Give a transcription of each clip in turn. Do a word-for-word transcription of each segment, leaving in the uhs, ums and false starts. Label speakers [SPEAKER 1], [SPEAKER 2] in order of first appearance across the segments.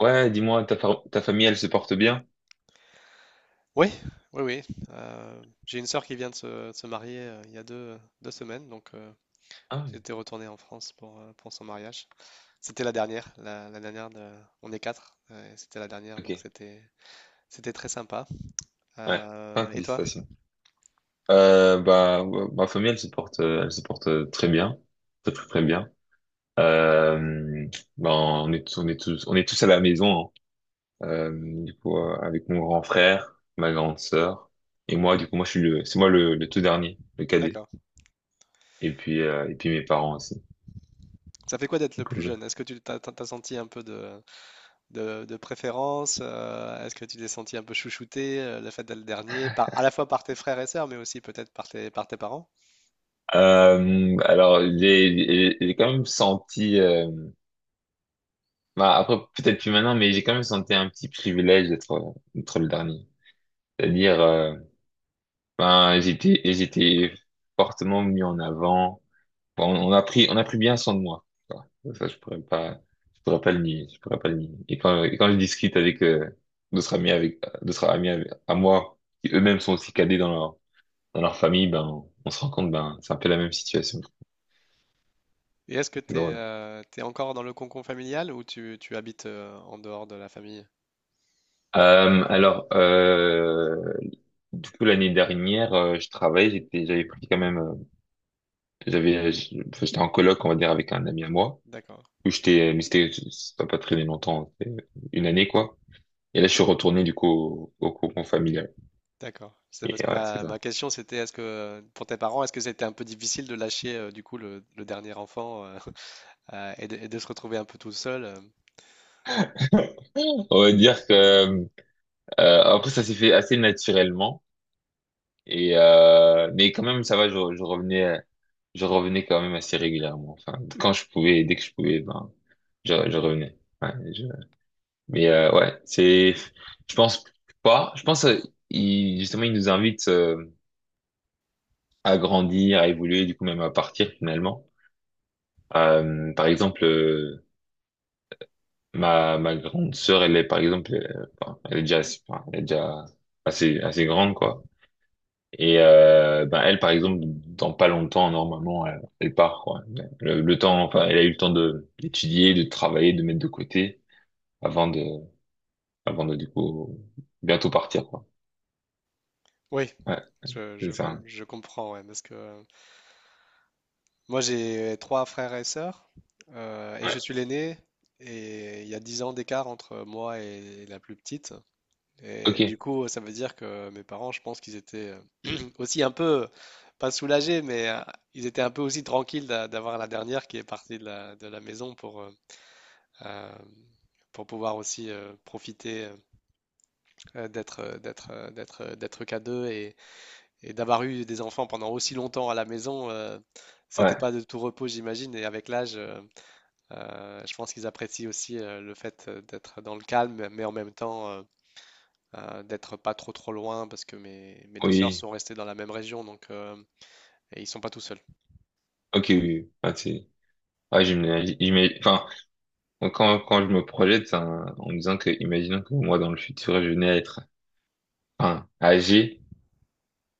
[SPEAKER 1] Ouais, dis-moi, ta, fa- ta famille, elle se porte bien?
[SPEAKER 2] Oui, oui, oui. Euh, j'ai une sœur qui vient de se, de se marier euh, il y a deux, deux semaines, donc euh,
[SPEAKER 1] Ah,
[SPEAKER 2] j'étais retourné en France pour, euh, pour son mariage. C'était la dernière, la, la dernière de- On est quatre, euh, et c'était la dernière,
[SPEAKER 1] ok.
[SPEAKER 2] donc c'était c'était très sympa.
[SPEAKER 1] Ouais. Ah,
[SPEAKER 2] Euh, et toi?
[SPEAKER 1] félicitations. Euh, bah, ouais, ma famille, elle se porte, euh, elle se porte euh, très bien. Très, très, très bien. Euh, ben, on est tous, on est tous, on est tous à la maison, hein. Euh, du coup, euh, avec mon grand frère, ma grande sœur, et moi, du coup, moi, je suis le, c'est moi le, le tout dernier, le cadet.
[SPEAKER 2] D'accord.
[SPEAKER 1] Et puis, euh, et puis mes parents aussi.
[SPEAKER 2] Ça fait quoi d'être le
[SPEAKER 1] Donc,
[SPEAKER 2] plus
[SPEAKER 1] ouais.
[SPEAKER 2] jeune? Est-ce que tu t'as, t'as- t'as senti un peu de, de, de préférence? Euh, est-ce que tu t'es senti un peu chouchouté, euh, le fait d'être le dernier, par, à la fois par tes frères et sœurs, mais aussi peut-être par tes, par tes parents?
[SPEAKER 1] Euh, alors, j'ai, j'ai j'ai quand même senti, euh, bah, après, peut-être plus maintenant, mais j'ai quand même senti un petit privilège d'être, d'être le dernier. C'est-à-dire, euh, ben, j'étais, j'étais fortement mis en avant. Bon, on a pris, on a pris bien soin de moi. Voilà. Ça, je pourrais pas, je pourrais pas le nier, je pourrais pas le nier. Et quand, et quand je discute avec, euh, d'autres amis avec, d'autres amis avec- à moi, qui eux-mêmes sont aussi cadets dans leur, dans leur famille, ben, on se rend compte, ben, c'est un peu la même situation.
[SPEAKER 2] Et est-ce que
[SPEAKER 1] C'est
[SPEAKER 2] tu
[SPEAKER 1] drôle.
[SPEAKER 2] es encore dans le cocon familial ou tu, tu habites euh, en dehors de la famille?
[SPEAKER 1] Euh, alors, euh, du coup, l'année dernière, euh, je travaillais, j'étais, j'avais pris quand même, euh, j'avais, je- enfin, j'étais en coloc, on va dire, avec un ami à moi.
[SPEAKER 2] D'accord,
[SPEAKER 1] Où j'étais, mais c'était, ça n'a pas très longtemps, c'était une année, quoi. Et là, je suis retourné, du coup, au, au cocon familial.
[SPEAKER 2] d'accord. C'est parce
[SPEAKER 1] Et
[SPEAKER 2] que
[SPEAKER 1] ouais, c'est
[SPEAKER 2] ma, ma
[SPEAKER 1] ça.
[SPEAKER 2] question c'était est-ce que euh, pour tes parents, est-ce que c'était un peu difficile de lâcher euh, du coup le, le dernier enfant euh, euh, et, de, et de se retrouver un peu tout seul? euh.
[SPEAKER 1] On va dire que, euh, après, ça s'est fait assez naturellement. Et, euh, mais quand même, ça va, je, je revenais, je revenais quand même assez régulièrement. Enfin, quand je pouvais, dès que je pouvais, ben, je, je revenais. Ouais, mais euh, ouais, c'est, je pense pas. Je pense euh, il, justement il nous invite euh, à grandir, à évoluer, du coup même à partir finalement. Euh, par exemple, euh, ma ma grande sœur, elle est par exemple, euh, enfin, elle est déjà, enfin, elle est déjà assez assez grande quoi. Et euh, ben elle par exemple, dans pas longtemps normalement, elle, elle part quoi. Le, le temps, enfin, elle a eu le temps de d'étudier, de travailler, de mettre de côté avant de avant de du coup bientôt partir quoi.
[SPEAKER 2] Oui,
[SPEAKER 1] Ouais,
[SPEAKER 2] je,
[SPEAKER 1] c'est
[SPEAKER 2] je, com-
[SPEAKER 1] ça.
[SPEAKER 2] je comprends, ouais, parce que euh, moi j'ai trois frères et sœurs euh, et je suis l'aîné et il y a dix ans d'écart entre moi et la plus petite.
[SPEAKER 1] Ok,
[SPEAKER 2] Et du coup, ça veut dire que mes parents, je pense qu'ils étaient euh, aussi un peu, pas soulagés, mais euh, ils étaient un peu aussi tranquilles d'a- d'avoir la dernière qui est partie de la, de la maison pour, euh, euh, pour pouvoir aussi euh, profiter euh, d'être, euh, d'être, euh, d'être, euh, d'être qu'à deux et, et d'avoir eu des enfants pendant aussi longtemps à la maison. Euh, c'était pas
[SPEAKER 1] ouais,
[SPEAKER 2] de tout repos, j'imagine. Et avec l'âge, euh, euh, je pense qu'ils apprécient aussi euh, le fait euh, d'être dans le calme, mais en même temps. Euh, euh, d'être pas trop trop loin parce que mes, mes deux sœurs
[SPEAKER 1] oui,
[SPEAKER 2] sont restées dans la même région, donc euh, et ils sont pas tout seuls.
[SPEAKER 1] ok, oui, oui. Ah, c'est- ouais, j'imagine, j'imagine- enfin, quand, quand je me projette, c'est un- en me disant que, imaginons que moi, dans le futur, je venais à être, enfin, âgé,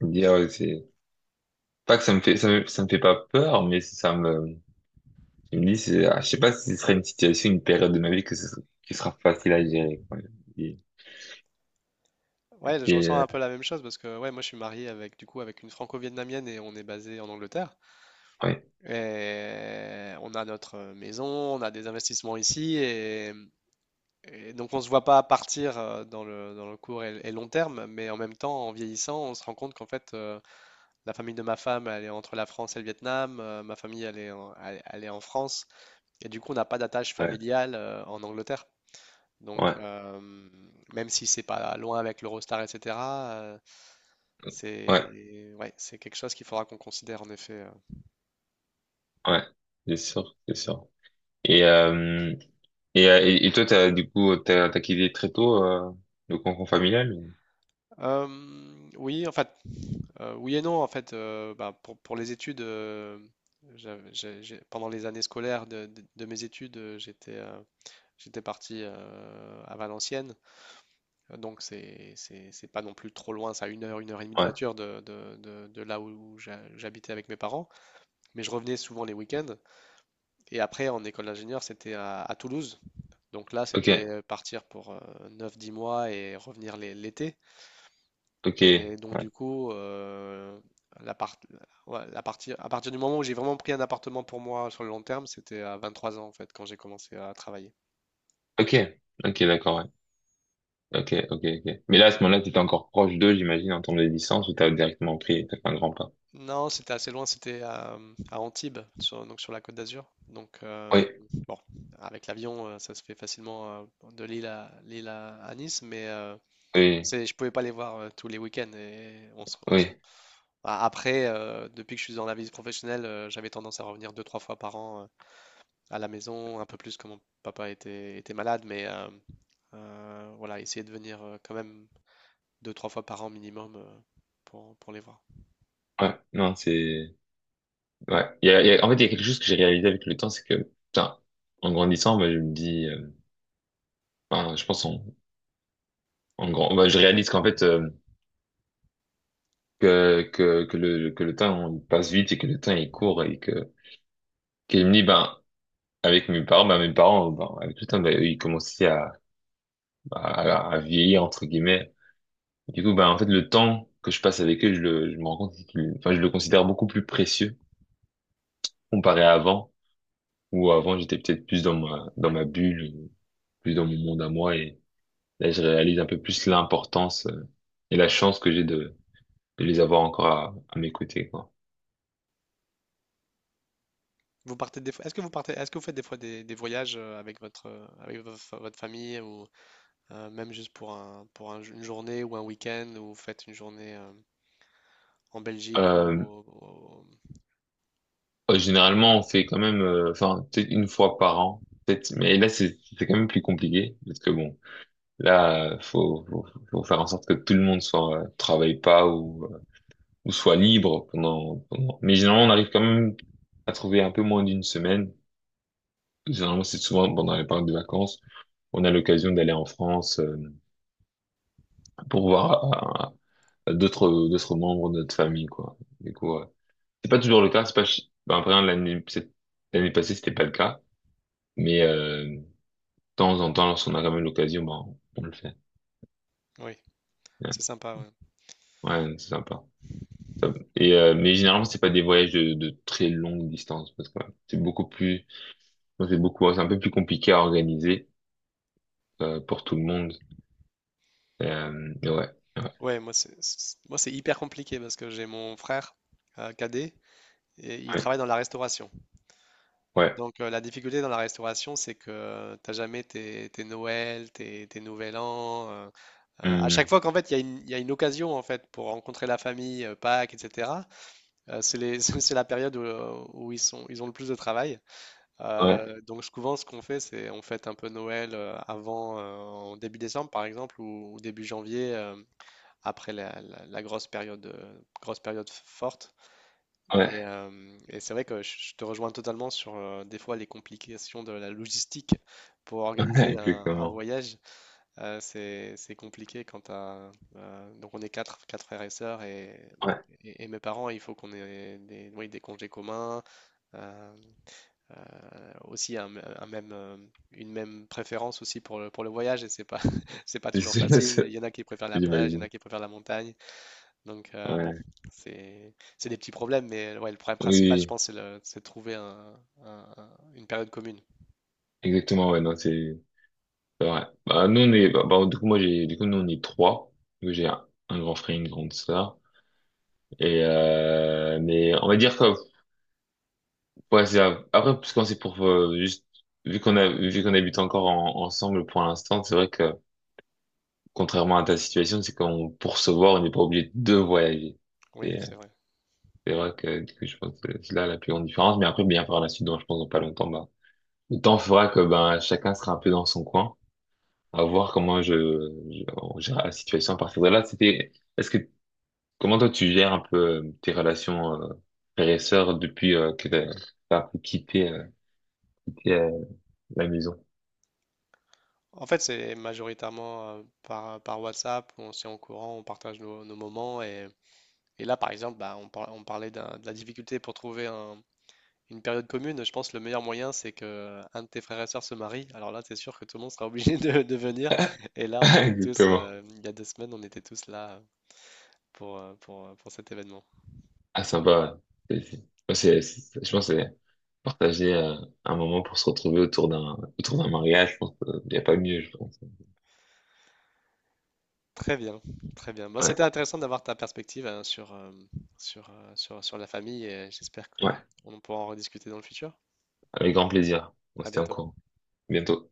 [SPEAKER 1] je me dis, ah ouais, c'est, pas que ça me fait, ça me, ça me fait pas peur, mais ça me, je me dis, c'est, ah, je sais pas si ce serait une situation, une période de ma vie que ce, qui sera facile à gérer, quoi. Et,
[SPEAKER 2] Ouais, je
[SPEAKER 1] et,
[SPEAKER 2] ressens
[SPEAKER 1] euh,
[SPEAKER 2] un peu la même chose parce que ouais, moi je suis marié avec du coup avec une franco-vietnamienne et on est basé en Angleterre
[SPEAKER 1] ouais,
[SPEAKER 2] et on a notre maison, on a des investissements ici et, et donc on se voit pas partir euh, dans le dans le court et, et long terme mais en même temps en vieillissant, on se rend compte qu'en fait euh, la famille de ma femme elle est entre la France et le Vietnam, euh, ma famille elle est en, elle, elle est en France et du coup on n'a pas d'attache
[SPEAKER 1] ouais,
[SPEAKER 2] familiale euh, en Angleterre. Donc,
[SPEAKER 1] ouais,
[SPEAKER 2] euh, même si c'est pas loin avec l'Eurostar, et cetera, euh,
[SPEAKER 1] ouais,
[SPEAKER 2] c'est, ouais, c'est quelque chose qu'il faudra qu'on considère en effet. euh.
[SPEAKER 1] ouais, c'est sûr, c'est sûr. Et, euh, Et, euh, et, et toi, t'as, du coup, t'as, t'as quitté très tôt euh, le cocon familial? Ou-
[SPEAKER 2] Euh, oui, en fait, euh, oui et non. En fait, euh, bah, pour, pour les études, euh, j'avais- j'ai- j'ai- pendant les années scolaires de, de- de mes études, euh, j'étais euh, j'étais parti euh, à Valenciennes. Euh, Donc, c'est c'est- c'est pas non plus trop loin, ça, une heure, une heure et demie de
[SPEAKER 1] ouais.
[SPEAKER 2] voiture de, de, de- de là où j'a- j'habitais avec mes parents. Mais je revenais souvent les week-ends. Et après, en école d'ingénieur, c'était à, à Toulouse. Donc là,
[SPEAKER 1] Ok.
[SPEAKER 2] c'était partir pour euh, neuf, dix mois et revenir l'é- l'été.
[SPEAKER 1] Ok.
[SPEAKER 2] Et donc,
[SPEAKER 1] Ouais.
[SPEAKER 2] du coup, euh, la part- ouais, la partie, à partir du moment où j'ai vraiment pris un appartement pour moi sur le long terme, c'était à vingt-trois ans, en fait, quand j'ai commencé à travailler.
[SPEAKER 1] Ok. Ok, d'accord, ouais. Ok, ok, ok. Mais là, à ce moment-là, t'étais encore proche d'eux, j'imagine, en termes de distance, ou t'as directement pris, t'as fait un grand pas.
[SPEAKER 2] Non, c'était assez loin, c'était à, à Antibes, sur, donc sur la Côte d'Azur. Donc, euh,
[SPEAKER 1] Oui,
[SPEAKER 2] bon, avec l'avion, euh, ça se fait facilement euh, de Lille à, Lille à, à Nice, mais euh,
[SPEAKER 1] oui,
[SPEAKER 2] c'est, je pouvais pas les voir euh, tous les week-ends et on se, on se
[SPEAKER 1] oui.
[SPEAKER 2] A- Après, euh, depuis que je suis dans la vie professionnelle, euh, j'avais tendance à revenir deux, trois fois par an euh, à la maison, un peu plus quand mon papa était, était malade, mais euh, euh, voilà, essayer de venir euh, quand même deux, trois fois par an minimum euh, pour, pour les voir.
[SPEAKER 1] Ouais, non, c'est... Ouais. Il y a, il y a- en fait, il y a quelque chose que j'ai réalisé avec le temps, c'est que, putain, en grandissant, bah, je me dis... euh, enfin, je pense en, en grand... bah, je réalise qu'en fait, euh, que, que, que, le, que le temps on passe vite et que le temps est court et que... Qu'il me dit, ben, avec mes parents, bah, mes parents, euh, bah, avec le temps, bah, ils commençaient à, à, à vieillir, entre guillemets. Du coup, bah, en fait, le temps que je passe avec eux, je le, je me rends compte qu'il, enfin, je le considère beaucoup plus précieux comparé à avant, où avant, j'étais peut-être plus dans ma, dans ma bulle, plus dans mon monde à moi, et là, je réalise un peu plus l'importance euh, et la chance que j'ai de, de les avoir encore à, à mes côtés, quoi.
[SPEAKER 2] Vous partez des fois, est-ce que vous partez, est-ce que vous faites des fois des, des voyages euh, avec votre, euh, avec vo- fa- votre famille ou euh, même juste pour un, pour un une journée ou un week-end ou vous faites une journée euh, en Belgique ou
[SPEAKER 1] Euh,
[SPEAKER 2] au- au-
[SPEAKER 1] euh, généralement, on fait quand même, euh, enfin, peut-être une fois par an, peut-être, mais là, c'est, c'est quand même plus compliqué, parce que bon, là, euh, faut, faut, faut faire en sorte que tout le monde soit euh, travaille pas ou, euh, ou soit libre pendant, pendant. Mais généralement, on arrive quand même à trouver un peu moins d'une semaine. Généralement, c'est souvent pendant les périodes de vacances, on a l'occasion d'aller en France euh, pour voir euh, d'autres d'autres membres de notre famille, quoi. Du coup, euh, c'est pas toujours le cas. C'est pas ch- ben, après hein, l'année cette- l'année passée, c'était pas le cas, mais euh, de temps en temps, lorsqu'on a quand même l'occasion, ben, on le fait.
[SPEAKER 2] Oui,
[SPEAKER 1] Ouais,
[SPEAKER 2] c'est sympa. Ouais.
[SPEAKER 1] ouais, c'est sympa. Ça- et euh, mais généralement c'est pas des voyages de, de très longue distance parce que ouais, c'est beaucoup plus c'est beaucoup c'est un peu plus compliqué à organiser euh, pour tout le monde, euh, mais ouais, ouais,
[SPEAKER 2] Ouais, moi c'est c'est- moi c'est hyper compliqué parce que j'ai mon frère euh, cadet et il
[SPEAKER 1] ouais,
[SPEAKER 2] travaille dans la restauration.
[SPEAKER 1] ouais.
[SPEAKER 2] Donc euh, la difficulté dans la restauration, c'est que t'as jamais tes, tes Noël, tes, tes Nouvel An. Euh, euh, à chaque
[SPEAKER 1] Hum,
[SPEAKER 2] fois qu'en fait il y a une, il y a une occasion en fait pour rencontrer la famille, euh, Pâques, et cetera euh, c'est les- c'est la période où, euh, où ils sont ils ont le plus de travail.
[SPEAKER 1] ouais,
[SPEAKER 2] Euh, donc souvent ce qu'on fait, c'est on fête un peu Noël euh, avant euh, en début décembre par exemple ou, ou début janvier. Euh, après la, la- la grosse période, euh, grosse période forte.
[SPEAKER 1] ouais,
[SPEAKER 2] Et, euh, et c'est vrai que je je te rejoins totalement sur euh, des fois les complications de la logistique pour
[SPEAKER 1] ouais,
[SPEAKER 2] organiser un, un
[SPEAKER 1] exactement,
[SPEAKER 2] voyage. Euh, c'est, c'est compliqué quand t'as, euh, donc on est quatre, quatre frères et sœurs et,
[SPEAKER 1] ouais.
[SPEAKER 2] et- et mes parents, il faut qu'on ait des, oui, des congés communs. euh, euh, Aussi un, m- un même, euh, une même préférence aussi pour le, pour le voyage et c'est pas, c'est pas
[SPEAKER 1] c'est
[SPEAKER 2] toujours
[SPEAKER 1] c'est-
[SPEAKER 2] facile. Il
[SPEAKER 1] c'est-
[SPEAKER 2] y en a qui préfèrent la plage, il y en
[SPEAKER 1] J'imagine.
[SPEAKER 2] a qui préfèrent la montagne. Donc euh, bon,
[SPEAKER 1] Ouais,
[SPEAKER 2] c'est c'est des petits problèmes, mais euh, ouais, le problème principal, je
[SPEAKER 1] oui,
[SPEAKER 2] pense, c'est le- c'est de trouver un- un- un- une période commune.
[SPEAKER 1] exactement, ouais, non, c'est c'est vrai Bah nous on est bah, bah, du coup moi j'ai du coup nous on est trois. Donc, j'ai un, un grand frère une grande sœur et euh, mais on va dire que ouais, c'est grave. Après, parce qu'on c'est pour euh, juste vu qu'on a vu qu'on habite encore en- ensemble pour l'instant, c'est vrai que contrairement à ta situation, c'est qu'on pour se voir, on n'est pas obligé de voyager.
[SPEAKER 2] Oui,
[SPEAKER 1] Et, euh,
[SPEAKER 2] c'est vrai.
[SPEAKER 1] c'est vrai que du coup, je pense que c'est là la plus grande différence. Mais après, bien par la suite, donc, je pense dans pas longtemps, bah, le temps fera que ben chacun sera un peu dans son coin, à voir comment je, je on gère la situation à partir de là. C'était, est-ce que comment toi tu gères un peu euh, tes relations euh, frères et sœurs depuis euh, que t'as t'as un peu quitté, euh, quitté, euh, la maison?
[SPEAKER 2] En fait, c'est majoritairement euh, par, par WhatsApp, on s'y en courant, on partage nos, nos moments. Et, et là, par exemple, bah, on, par- on parlait d'un- de la difficulté pour trouver un- une période commune. Je pense que le meilleur moyen, c'est que un de tes frères et sœurs se marie. Alors là, c'est sûr que tout le monde sera obligé de, de venir. Et là, on était tous,
[SPEAKER 1] Exactement.
[SPEAKER 2] euh, il y a deux semaines, on était tous là pour, euh, pour, euh, pour cet événement.
[SPEAKER 1] Ah, sympa. Ouais. C'est- c'est- ouais, c'est- c'est- je pense que c'est partager euh, un moment pour se retrouver autour d'un autour d'un mariage, je pense qu'il n'y a pas mieux, je pense.
[SPEAKER 2] Très bien, très bien. Bon, c'était
[SPEAKER 1] Ouais,
[SPEAKER 2] intéressant d'avoir ta perspective hein, sur, euh, sur, euh, sur, sur la famille et j'espère
[SPEAKER 1] ouais,
[SPEAKER 2] qu'on pourra en rediscuter dans le futur.
[SPEAKER 1] avec grand plaisir. On
[SPEAKER 2] À
[SPEAKER 1] se tient au
[SPEAKER 2] bientôt.
[SPEAKER 1] courant. Bientôt.